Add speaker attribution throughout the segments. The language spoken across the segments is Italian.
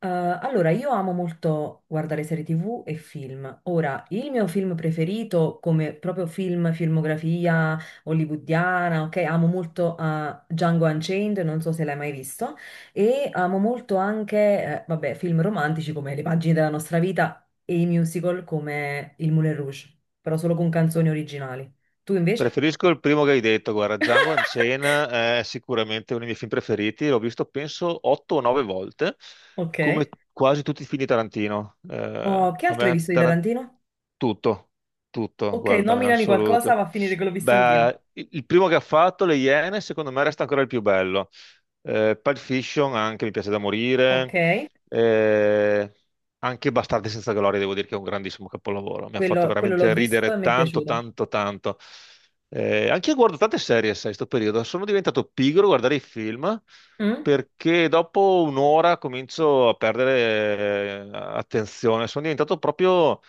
Speaker 1: Allora, io amo molto guardare serie TV e film. Ora, il mio film preferito, come proprio film, filmografia hollywoodiana, ok? Amo molto Django Unchained, non so se l'hai mai visto, e amo molto anche, vabbè, film romantici come Le pagine della nostra vita e i musical come Il Moulin Rouge, però solo con canzoni originali. Tu invece?
Speaker 2: Preferisco il primo che hai detto, guarda, Django Unchained è sicuramente uno dei miei film preferiti, l'ho visto penso 8 o 9 volte,
Speaker 1: Ok.
Speaker 2: come quasi tutti i film di Tarantino.
Speaker 1: Oh, che altro hai visto di Tarantino?
Speaker 2: Tutto, tutto,
Speaker 1: Ok,
Speaker 2: guarda, in
Speaker 1: nominami qualcosa,
Speaker 2: assoluto.
Speaker 1: va a finire che l'ho visto anch'io.
Speaker 2: Beh, il primo che ha fatto, Le Iene, secondo me resta ancora il più bello. Pulp Fiction anche mi piace da
Speaker 1: Ok.
Speaker 2: morire. Eh, Anche Bastardi senza gloria, devo dire che è un grandissimo capolavoro. Mi ha fatto
Speaker 1: Quello l'ho
Speaker 2: veramente
Speaker 1: visto e
Speaker 2: ridere
Speaker 1: mi è
Speaker 2: tanto,
Speaker 1: piaciuto.
Speaker 2: tanto, tanto. Anche io guardo tante serie, sai, sto periodo. Sono diventato pigro a guardare i film
Speaker 1: Mm?
Speaker 2: perché dopo un'ora comincio a perdere attenzione. Sono diventato proprio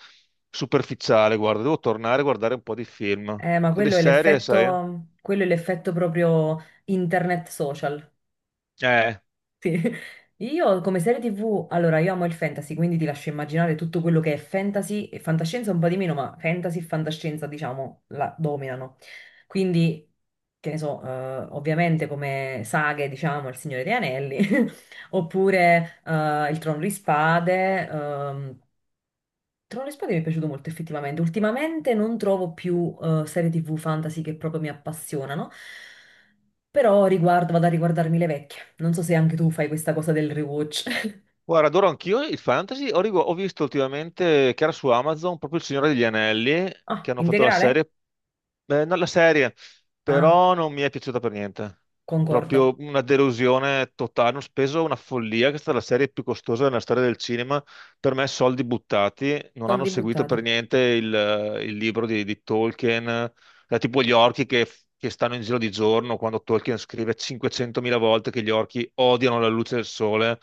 Speaker 2: superficiale, guarda. Devo tornare a guardare un po' di film.
Speaker 1: Ma
Speaker 2: Quelle
Speaker 1: quello è
Speaker 2: serie, sai?
Speaker 1: l'effetto, quello è l'effetto proprio internet social.
Speaker 2: Eh.
Speaker 1: Sì. Io come serie TV, allora io amo il fantasy, quindi ti lascio immaginare tutto quello che è fantasy e fantascienza un po' di meno, ma fantasy e fantascienza, diciamo, la dominano. Quindi, che ne so, ovviamente come saghe, diciamo, Il Signore degli Anelli. Oppure Il Trono di Spade mi è piaciuto molto effettivamente. Ultimamente non trovo più serie TV fantasy che proprio mi appassionano, però riguardo, vado a riguardarmi le vecchie. Non so se anche tu fai questa cosa del rewatch.
Speaker 2: Guarda, adoro anch'io il fantasy. Ho visto ultimamente che era su Amazon proprio Il Signore degli Anelli, che
Speaker 1: Ah,
Speaker 2: hanno fatto la
Speaker 1: integrale?
Speaker 2: serie. No, la serie,
Speaker 1: Ah,
Speaker 2: però non mi è piaciuta per niente.
Speaker 1: concordo.
Speaker 2: Proprio una delusione totale. Hanno speso una follia, che è stata la serie più costosa della storia del cinema. Per me, soldi buttati. Non hanno
Speaker 1: Soldi
Speaker 2: seguito per
Speaker 1: buttati.
Speaker 2: niente il libro di Tolkien. Tipo gli orchi che stanno in giro di giorno, quando Tolkien scrive 500.000 volte che gli orchi odiano la luce del sole.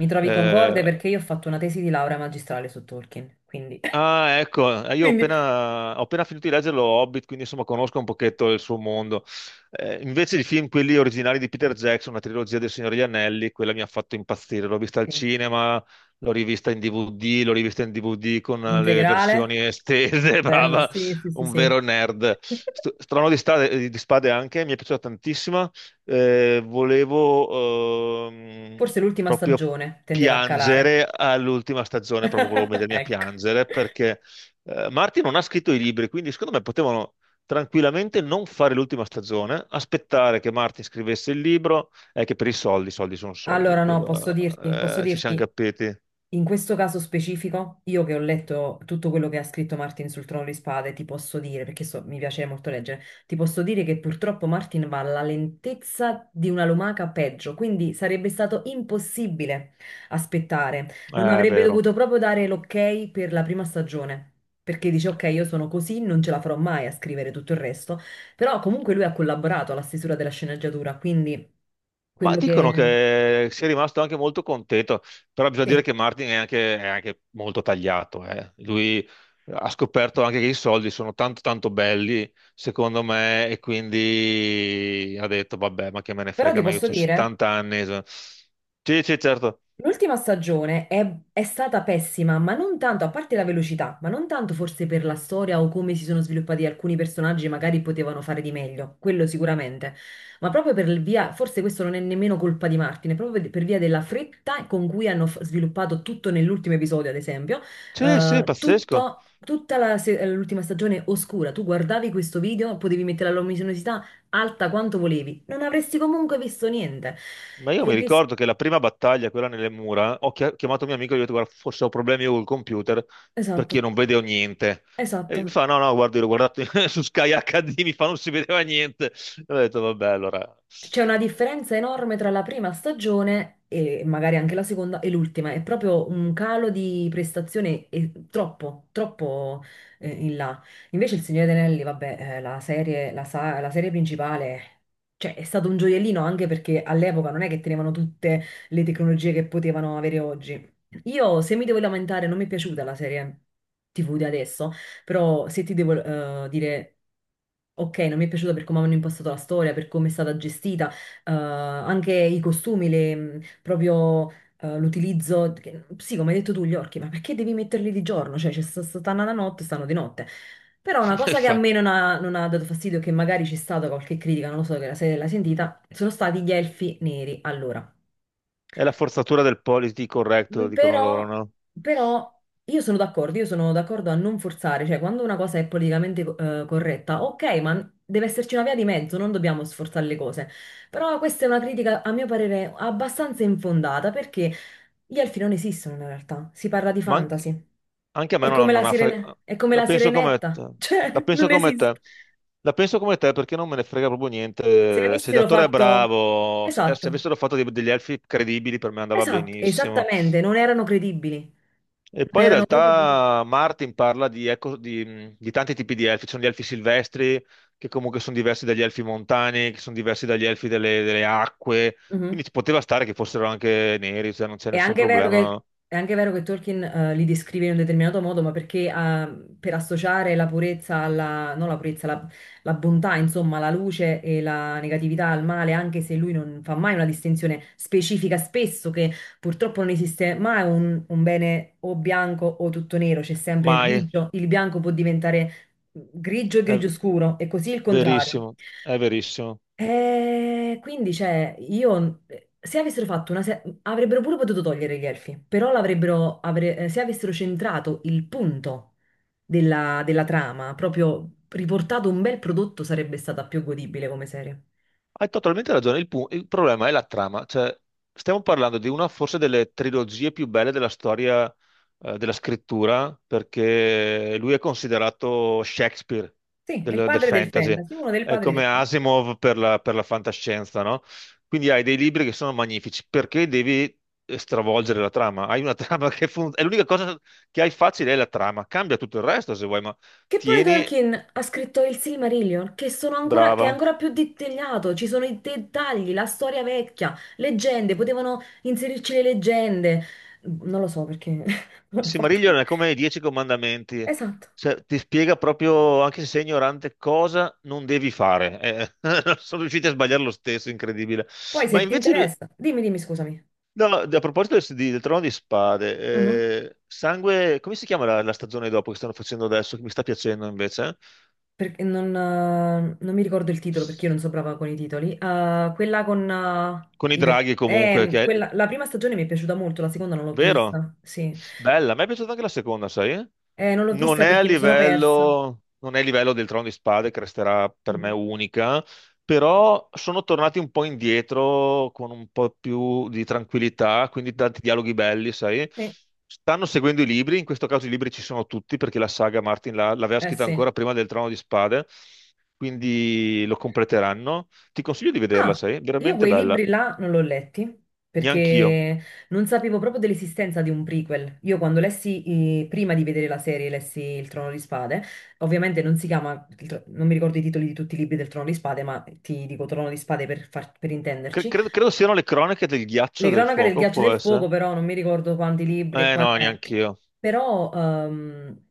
Speaker 1: Mi trovi concorde
Speaker 2: Eh,
Speaker 1: perché io ho fatto una tesi di laurea magistrale su Tolkien, quindi...
Speaker 2: ah, ecco, io ho
Speaker 1: Quindi,
Speaker 2: appena, ho appena finito di leggere lo Hobbit, quindi insomma conosco un pochetto il suo mondo. Invece i film, quelli originali di Peter Jackson, la trilogia del Signore degli Anelli, quella mi ha fatto impazzire. L'ho vista al
Speaker 1: sì.
Speaker 2: cinema, l'ho rivista in DVD, l'ho rivista in DVD con le versioni
Speaker 1: Integrale?
Speaker 2: estese,
Speaker 1: Bella,
Speaker 2: brava,
Speaker 1: sì, sì, sì,
Speaker 2: un vero
Speaker 1: sì.
Speaker 2: nerd. St- Strano di, Stade- di Spade anche, mi è piaciuta tantissima. Volevo
Speaker 1: Forse l'ultima
Speaker 2: proprio
Speaker 1: stagione tendeva a calare.
Speaker 2: piangere all'ultima stagione, proprio volevo mettermi a
Speaker 1: Ecco.
Speaker 2: piangere perché Martin non ha scritto i libri, quindi secondo me potevano tranquillamente non fare l'ultima stagione, aspettare che Martin scrivesse il libro, è che per i soldi, soldi sono soldi,
Speaker 1: Allora no, posso
Speaker 2: quello,
Speaker 1: dirti, posso
Speaker 2: ci siamo
Speaker 1: dirti,
Speaker 2: capiti.
Speaker 1: in questo caso specifico, io che ho letto tutto quello che ha scritto Martin sul Trono di Spade, ti posso dire, perché mi piace molto leggere, ti posso dire che purtroppo Martin va alla lentezza di una lumaca peggio, quindi sarebbe stato impossibile aspettare. Non
Speaker 2: È
Speaker 1: avrebbe
Speaker 2: vero.
Speaker 1: dovuto proprio dare l'ok per la prima stagione, perché dice ok, io sono così, non ce la farò mai a scrivere tutto il resto, però comunque lui ha collaborato alla stesura della sceneggiatura, quindi
Speaker 2: Ma
Speaker 1: quello
Speaker 2: dicono
Speaker 1: che...
Speaker 2: che sia rimasto anche molto contento, però bisogna dire
Speaker 1: Sì,
Speaker 2: che Martin è anche molto tagliato. Lui ha scoperto anche che i soldi sono tanto tanto belli, secondo me, e quindi ha detto, vabbè, ma che me ne
Speaker 1: però
Speaker 2: frega,
Speaker 1: ti
Speaker 2: ma io
Speaker 1: posso
Speaker 2: ho
Speaker 1: dire...
Speaker 2: 70 anni. Sì, sì, certo.
Speaker 1: L'ultima stagione è stata pessima, ma non tanto, a parte la velocità, ma non tanto forse per la storia o come si sono sviluppati alcuni personaggi, magari potevano fare di meglio, quello sicuramente, ma proprio per il via, forse questo non è nemmeno colpa di Martin, è proprio per via della fretta con cui hanno sviluppato tutto nell'ultimo episodio, ad esempio,
Speaker 2: Sì, sì, pazzesco.
Speaker 1: tutto- Tutta la se- l'ultima stagione oscura, tu guardavi questo video, potevi mettere la luminosità alta quanto volevi, non avresti comunque visto niente.
Speaker 2: Ma io
Speaker 1: E
Speaker 2: mi
Speaker 1: il rischio...
Speaker 2: ricordo che la prima battaglia, quella nelle mura, ho chiamato mio amico e gli ho detto, guarda, forse ho problemi io col computer perché
Speaker 1: Esatto.
Speaker 2: io non vedevo niente. E
Speaker 1: Esatto,
Speaker 2: mi fa, no, no, guarda, io l'ho guardato su Sky HD, mi fa, non si vedeva niente. E ho detto, vabbè, allora.
Speaker 1: c'è una differenza enorme tra la prima stagione e magari anche la seconda e l'ultima, è proprio un calo di prestazione troppo, troppo in là. Invece il Signore degli Anelli, vabbè, la serie principale, cioè è stato un gioiellino anche perché all'epoca non è che tenevano tutte le tecnologie che potevano avere oggi. Io, se mi devo lamentare, non mi è piaciuta la serie TV di adesso. Però se ti devo dire, ok, non mi è piaciuta per come hanno impostato la storia, per come è stata gestita, anche i costumi, proprio l'utilizzo, sì, come hai detto tu, gli orchi, ma perché devi metterli di giorno? Cioè, stanno da notte, stanno di notte. Però una cosa che a me
Speaker 2: Infatti.
Speaker 1: non ha dato fastidio, che magari c'è stata qualche critica, non lo so che se l'hai sentita, sono stati gli elfi neri. Allora.
Speaker 2: È la forzatura del politically corretto,
Speaker 1: Mm,
Speaker 2: dicono loro,
Speaker 1: Però,
Speaker 2: no?
Speaker 1: però io sono d'accordo a non forzare, cioè quando una cosa è politicamente corretta, ok, ma deve esserci una via di mezzo, non dobbiamo sforzare le cose. Però questa è una critica, a mio parere, abbastanza infondata, perché gli elfi non esistono in realtà, si parla di
Speaker 2: Ma anche-
Speaker 1: fantasy.
Speaker 2: Anche a me
Speaker 1: È come
Speaker 2: non,
Speaker 1: la
Speaker 2: non ha
Speaker 1: sirene-
Speaker 2: fregato.
Speaker 1: è come
Speaker 2: La
Speaker 1: la
Speaker 2: penso come te.
Speaker 1: sirenetta,
Speaker 2: La
Speaker 1: cioè
Speaker 2: penso
Speaker 1: non
Speaker 2: come te.
Speaker 1: esiste.
Speaker 2: La penso come te perché non me ne frega proprio
Speaker 1: Se
Speaker 2: niente. Se
Speaker 1: avessero
Speaker 2: l'attore è
Speaker 1: fatto...
Speaker 2: bravo, se
Speaker 1: Esatto,
Speaker 2: avessero fatto degli elfi credibili per me andava
Speaker 1: esatto,
Speaker 2: benissimo.
Speaker 1: esattamente, non erano credibili,
Speaker 2: E poi
Speaker 1: non
Speaker 2: in
Speaker 1: erano proprio credibili.
Speaker 2: realtà Martin parla di tanti tipi di elfi. Ci sono gli elfi silvestri che comunque sono diversi dagli elfi montani, che sono diversi dagli elfi delle acque. Quindi ci poteva stare che fossero anche neri, cioè non c'è
Speaker 1: È
Speaker 2: nessun
Speaker 1: anche vero che,
Speaker 2: problema.
Speaker 1: è anche vero che Tolkien li descrive in un determinato modo, ma perché per associare la purezza alla, non la purezza, la bontà, insomma, la luce e la negatività al male, anche se lui non fa mai una distinzione specifica, spesso che purtroppo non esiste mai un bene o bianco o tutto nero, c'è sempre il
Speaker 2: Mai.
Speaker 1: grigio, il bianco può diventare grigio e
Speaker 2: È
Speaker 1: grigio scuro, e così il contrario.
Speaker 2: verissimo. È verissimo.
Speaker 1: Quindi, cioè, io se avessero fatto una se- avrebbero pure potuto togliere gli elfi, però l'avrebbero se avessero centrato il punto della trama, proprio riportato un bel prodotto, sarebbe stata più godibile come serie.
Speaker 2: Hai totalmente ragione, il problema è la trama, cioè stiamo parlando di una forse delle trilogie più belle della storia della scrittura, perché lui è considerato Shakespeare
Speaker 1: Sì, è il
Speaker 2: del
Speaker 1: padre del
Speaker 2: fantasy,
Speaker 1: fantasy, uno dei
Speaker 2: è
Speaker 1: padri
Speaker 2: come
Speaker 1: del fantasy.
Speaker 2: Asimov per la fantascienza, no? Quindi hai dei libri che sono magnifici, perché devi stravolgere la trama? Hai una trama che funziona, è l'unica cosa che hai facile è la trama, cambia tutto il resto se vuoi, ma
Speaker 1: Che poi
Speaker 2: tieni,
Speaker 1: Tolkien ha scritto il Silmarillion, che è
Speaker 2: brava,
Speaker 1: ancora più dettagliato, ci sono i dettagli, la storia vecchia, leggende, potevano inserirci le leggende. Non lo so perché
Speaker 2: Il
Speaker 1: l'hanno
Speaker 2: Silmarillion
Speaker 1: fatto.
Speaker 2: è come i Dieci Comandamenti,
Speaker 1: Esatto.
Speaker 2: cioè, ti spiega proprio, anche se sei ignorante, cosa non devi fare. Sono riusciti a sbagliare lo stesso, incredibile.
Speaker 1: Poi se
Speaker 2: Ma
Speaker 1: ti
Speaker 2: invece,
Speaker 1: interessa, dimmi, dimmi, scusami.
Speaker 2: no, no, a proposito del Trono di Spade,
Speaker 1: Mhm.
Speaker 2: Sangue, come si chiama la stagione dopo che stanno facendo adesso, che mi sta piacendo invece?
Speaker 1: Perché non mi ricordo il titolo perché io non so brava con i titoli. Quella con
Speaker 2: Con i draghi comunque,
Speaker 1: la prima stagione mi è piaciuta molto, la seconda non l'ho
Speaker 2: vero?
Speaker 1: vista. Sì.
Speaker 2: Bella, a me è piaciuta anche la seconda, sai?
Speaker 1: Non l'ho
Speaker 2: Non
Speaker 1: vista
Speaker 2: è a
Speaker 1: perché mi sono persa.
Speaker 2: livello, non è a livello del Trono di Spade, che resterà per me
Speaker 1: Mhm.
Speaker 2: unica, però sono tornati un po' indietro con un po' più di tranquillità, quindi tanti dialoghi belli, sai?
Speaker 1: Sì.
Speaker 2: Stanno seguendo i libri, in questo caso i libri ci sono tutti perché la saga Martin l'aveva
Speaker 1: Eh
Speaker 2: scritta
Speaker 1: sì.
Speaker 2: ancora prima del Trono di Spade, quindi lo completeranno. Ti consiglio di vederla,
Speaker 1: Ah,
Speaker 2: sai?
Speaker 1: io
Speaker 2: Veramente
Speaker 1: quei
Speaker 2: bella,
Speaker 1: libri là non li ho letti
Speaker 2: neanch'io.
Speaker 1: perché non sapevo proprio dell'esistenza di un prequel. Io quando lessi, prima di vedere la serie, lessi Il Trono di Spade, ovviamente non si chiama, non mi ricordo i titoli di tutti i libri del Trono di Spade, ma ti dico Trono di Spade per
Speaker 2: Cre-
Speaker 1: intenderci.
Speaker 2: credo, credo siano le cronache del ghiaccio
Speaker 1: Le
Speaker 2: e del
Speaker 1: cronache del
Speaker 2: fuoco,
Speaker 1: ghiaccio e
Speaker 2: può
Speaker 1: del fuoco,
Speaker 2: essere?
Speaker 1: però non mi ricordo quanti libri e
Speaker 2: Eh no,
Speaker 1: quanti...
Speaker 2: neanch'io.
Speaker 1: Però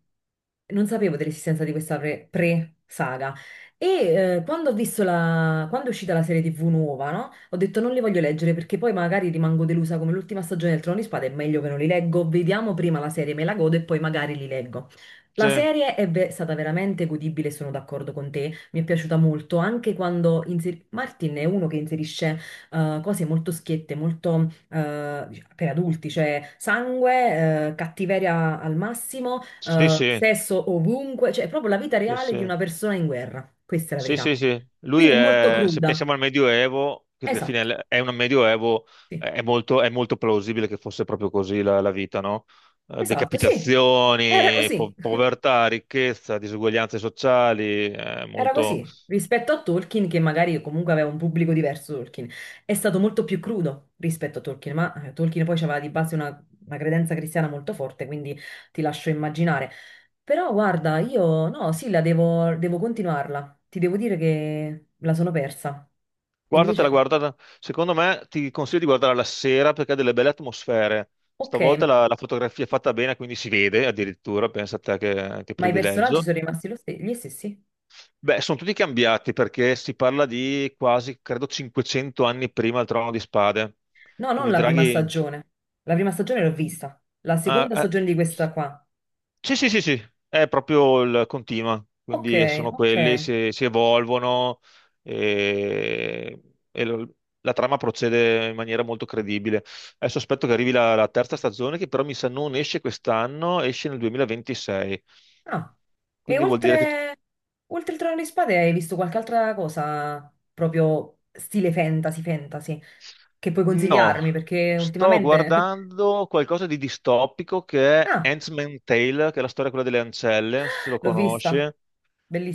Speaker 1: non sapevo dell'esistenza di questa pre-saga. E quando ho visto la... quando è uscita la serie TV nuova, no? Ho detto non li voglio leggere perché poi magari rimango delusa come l'ultima stagione del Trono di Spade, è meglio che non li leggo. Vediamo prima la serie, me la godo e poi magari li leggo. La
Speaker 2: Sì,
Speaker 1: serie è stata veramente godibile, sono d'accordo con te, mi è piaciuta molto, anche quando Martin è uno che inserisce cose molto schiette, molto per adulti, cioè sangue, cattiveria al massimo,
Speaker 2: sì, sì,
Speaker 1: sesso ovunque, cioè è proprio la vita
Speaker 2: sì,
Speaker 1: reale di
Speaker 2: sì.
Speaker 1: una persona in guerra. Questa è la
Speaker 2: Sì,
Speaker 1: verità.
Speaker 2: sì, sì. Lui
Speaker 1: Quindi è molto
Speaker 2: è, se
Speaker 1: cruda.
Speaker 2: pensiamo al Medioevo, perché alla
Speaker 1: Esatto,
Speaker 2: fine è un Medioevo,
Speaker 1: sì.
Speaker 2: è molto plausibile che fosse proprio così la vita, no?
Speaker 1: Esatto, sì. Era
Speaker 2: Decapitazioni,
Speaker 1: così.
Speaker 2: povertà, ricchezza, disuguaglianze sociali, è
Speaker 1: Era
Speaker 2: molto.
Speaker 1: così, rispetto a Tolkien, che magari comunque aveva un pubblico diverso, Tolkien, è stato molto più crudo rispetto a Tolkien, ma Tolkien poi aveva di base una credenza cristiana molto forte, quindi ti lascio immaginare. Però guarda, io no, sì, la devo continuarla, ti devo dire che la sono persa.
Speaker 2: Guardatela,
Speaker 1: Invece,
Speaker 2: guardatela. Secondo me ti consiglio di guardarla la sera perché ha delle belle atmosfere.
Speaker 1: ok,
Speaker 2: Stavolta la fotografia è fatta bene, quindi si vede addirittura, pensa a te che
Speaker 1: ma i personaggi
Speaker 2: privilegio.
Speaker 1: sono rimasti gli stessi?
Speaker 2: Beh, sono tutti cambiati perché si parla di quasi, credo, 500 anni prima del Trono di Spade.
Speaker 1: No, non
Speaker 2: Quindi
Speaker 1: la prima
Speaker 2: Draghi.
Speaker 1: stagione, la prima stagione l'ho vista, la
Speaker 2: Ah,
Speaker 1: seconda stagione di questa qua.
Speaker 2: sì, sì, sì, sì, è proprio il continua,
Speaker 1: Ok,
Speaker 2: quindi sono
Speaker 1: ok.
Speaker 2: quelli, si evolvono e, e lo- la trama procede in maniera molto credibile. Adesso aspetto che arrivi la terza stagione, che però mi sa non esce quest'anno, esce nel 2026,
Speaker 1: Ah, e
Speaker 2: quindi vuol dire che.
Speaker 1: oltre il Trono di Spade hai visto qualche altra cosa proprio stile fantasy, fantasy, che puoi
Speaker 2: No,
Speaker 1: consigliarmi perché
Speaker 2: sto
Speaker 1: ultimamente...
Speaker 2: guardando qualcosa di distopico che è
Speaker 1: Ah,
Speaker 2: Handmaid's Tale, che è la storia quella delle ancelle, non so se lo
Speaker 1: l'ho
Speaker 2: conosci.
Speaker 1: vista,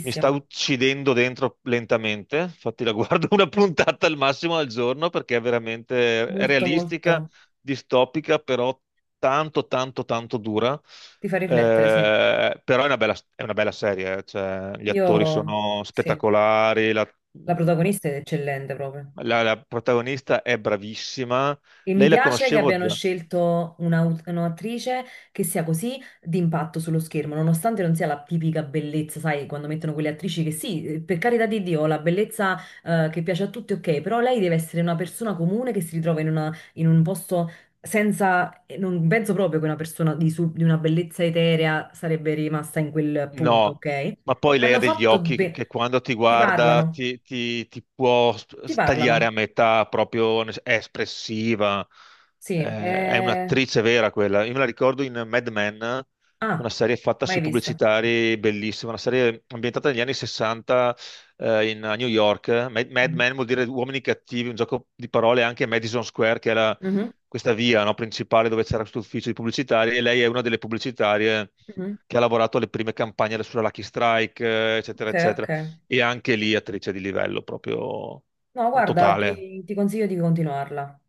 Speaker 2: Mi sta uccidendo dentro lentamente, infatti la guardo una puntata al massimo al giorno perché è veramente è
Speaker 1: molto
Speaker 2: realistica,
Speaker 1: molto,
Speaker 2: distopica, però tanto, tanto, tanto dura.
Speaker 1: ti fa riflettere, sì.
Speaker 2: Però è una bella serie, cioè, gli attori
Speaker 1: Io,
Speaker 2: sono
Speaker 1: sì,
Speaker 2: spettacolari, la,
Speaker 1: la protagonista è eccellente proprio.
Speaker 2: la- la protagonista è bravissima.
Speaker 1: E mi
Speaker 2: Lei la
Speaker 1: piace che
Speaker 2: conoscevo
Speaker 1: abbiano
Speaker 2: già.
Speaker 1: scelto un'attrice che sia così d'impatto sullo schermo, nonostante non sia la tipica bellezza, sai, quando mettono quelle attrici che sì, per carità di Dio, la bellezza che piace a tutti, ok, però lei deve essere una persona comune che si ritrova in un posto senza... E non penso proprio che una persona di una bellezza eterea sarebbe rimasta in quel punto,
Speaker 2: No,
Speaker 1: ok?
Speaker 2: ma poi lei ha
Speaker 1: Hanno
Speaker 2: degli
Speaker 1: fatto
Speaker 2: occhi che,
Speaker 1: bene...
Speaker 2: che quando ti
Speaker 1: Ti
Speaker 2: guarda
Speaker 1: parlano,
Speaker 2: ti può
Speaker 1: ti
Speaker 2: tagliare
Speaker 1: parlano,
Speaker 2: a metà, proprio è espressiva,
Speaker 1: sì.
Speaker 2: è un'attrice vera quella. Io me la ricordo in Mad Men, una
Speaker 1: Ah,
Speaker 2: serie fatta
Speaker 1: mai
Speaker 2: sui
Speaker 1: vista.
Speaker 2: pubblicitari bellissima, una serie ambientata negli anni 60 a New York. Mad Men vuol dire uomini cattivi, un gioco di parole anche a Madison Square, che era
Speaker 1: Mhm,
Speaker 2: questa via, no, principale dove c'era questo ufficio di pubblicitari, e lei è una delle pubblicitarie
Speaker 1: mhm.
Speaker 2: che ha lavorato alle prime campagne sulla Lucky Strike, eccetera,
Speaker 1: Ok, ok.
Speaker 2: eccetera. E anche lì attrice di livello proprio
Speaker 1: No, guarda,
Speaker 2: totale.
Speaker 1: ti consiglio di continuarla.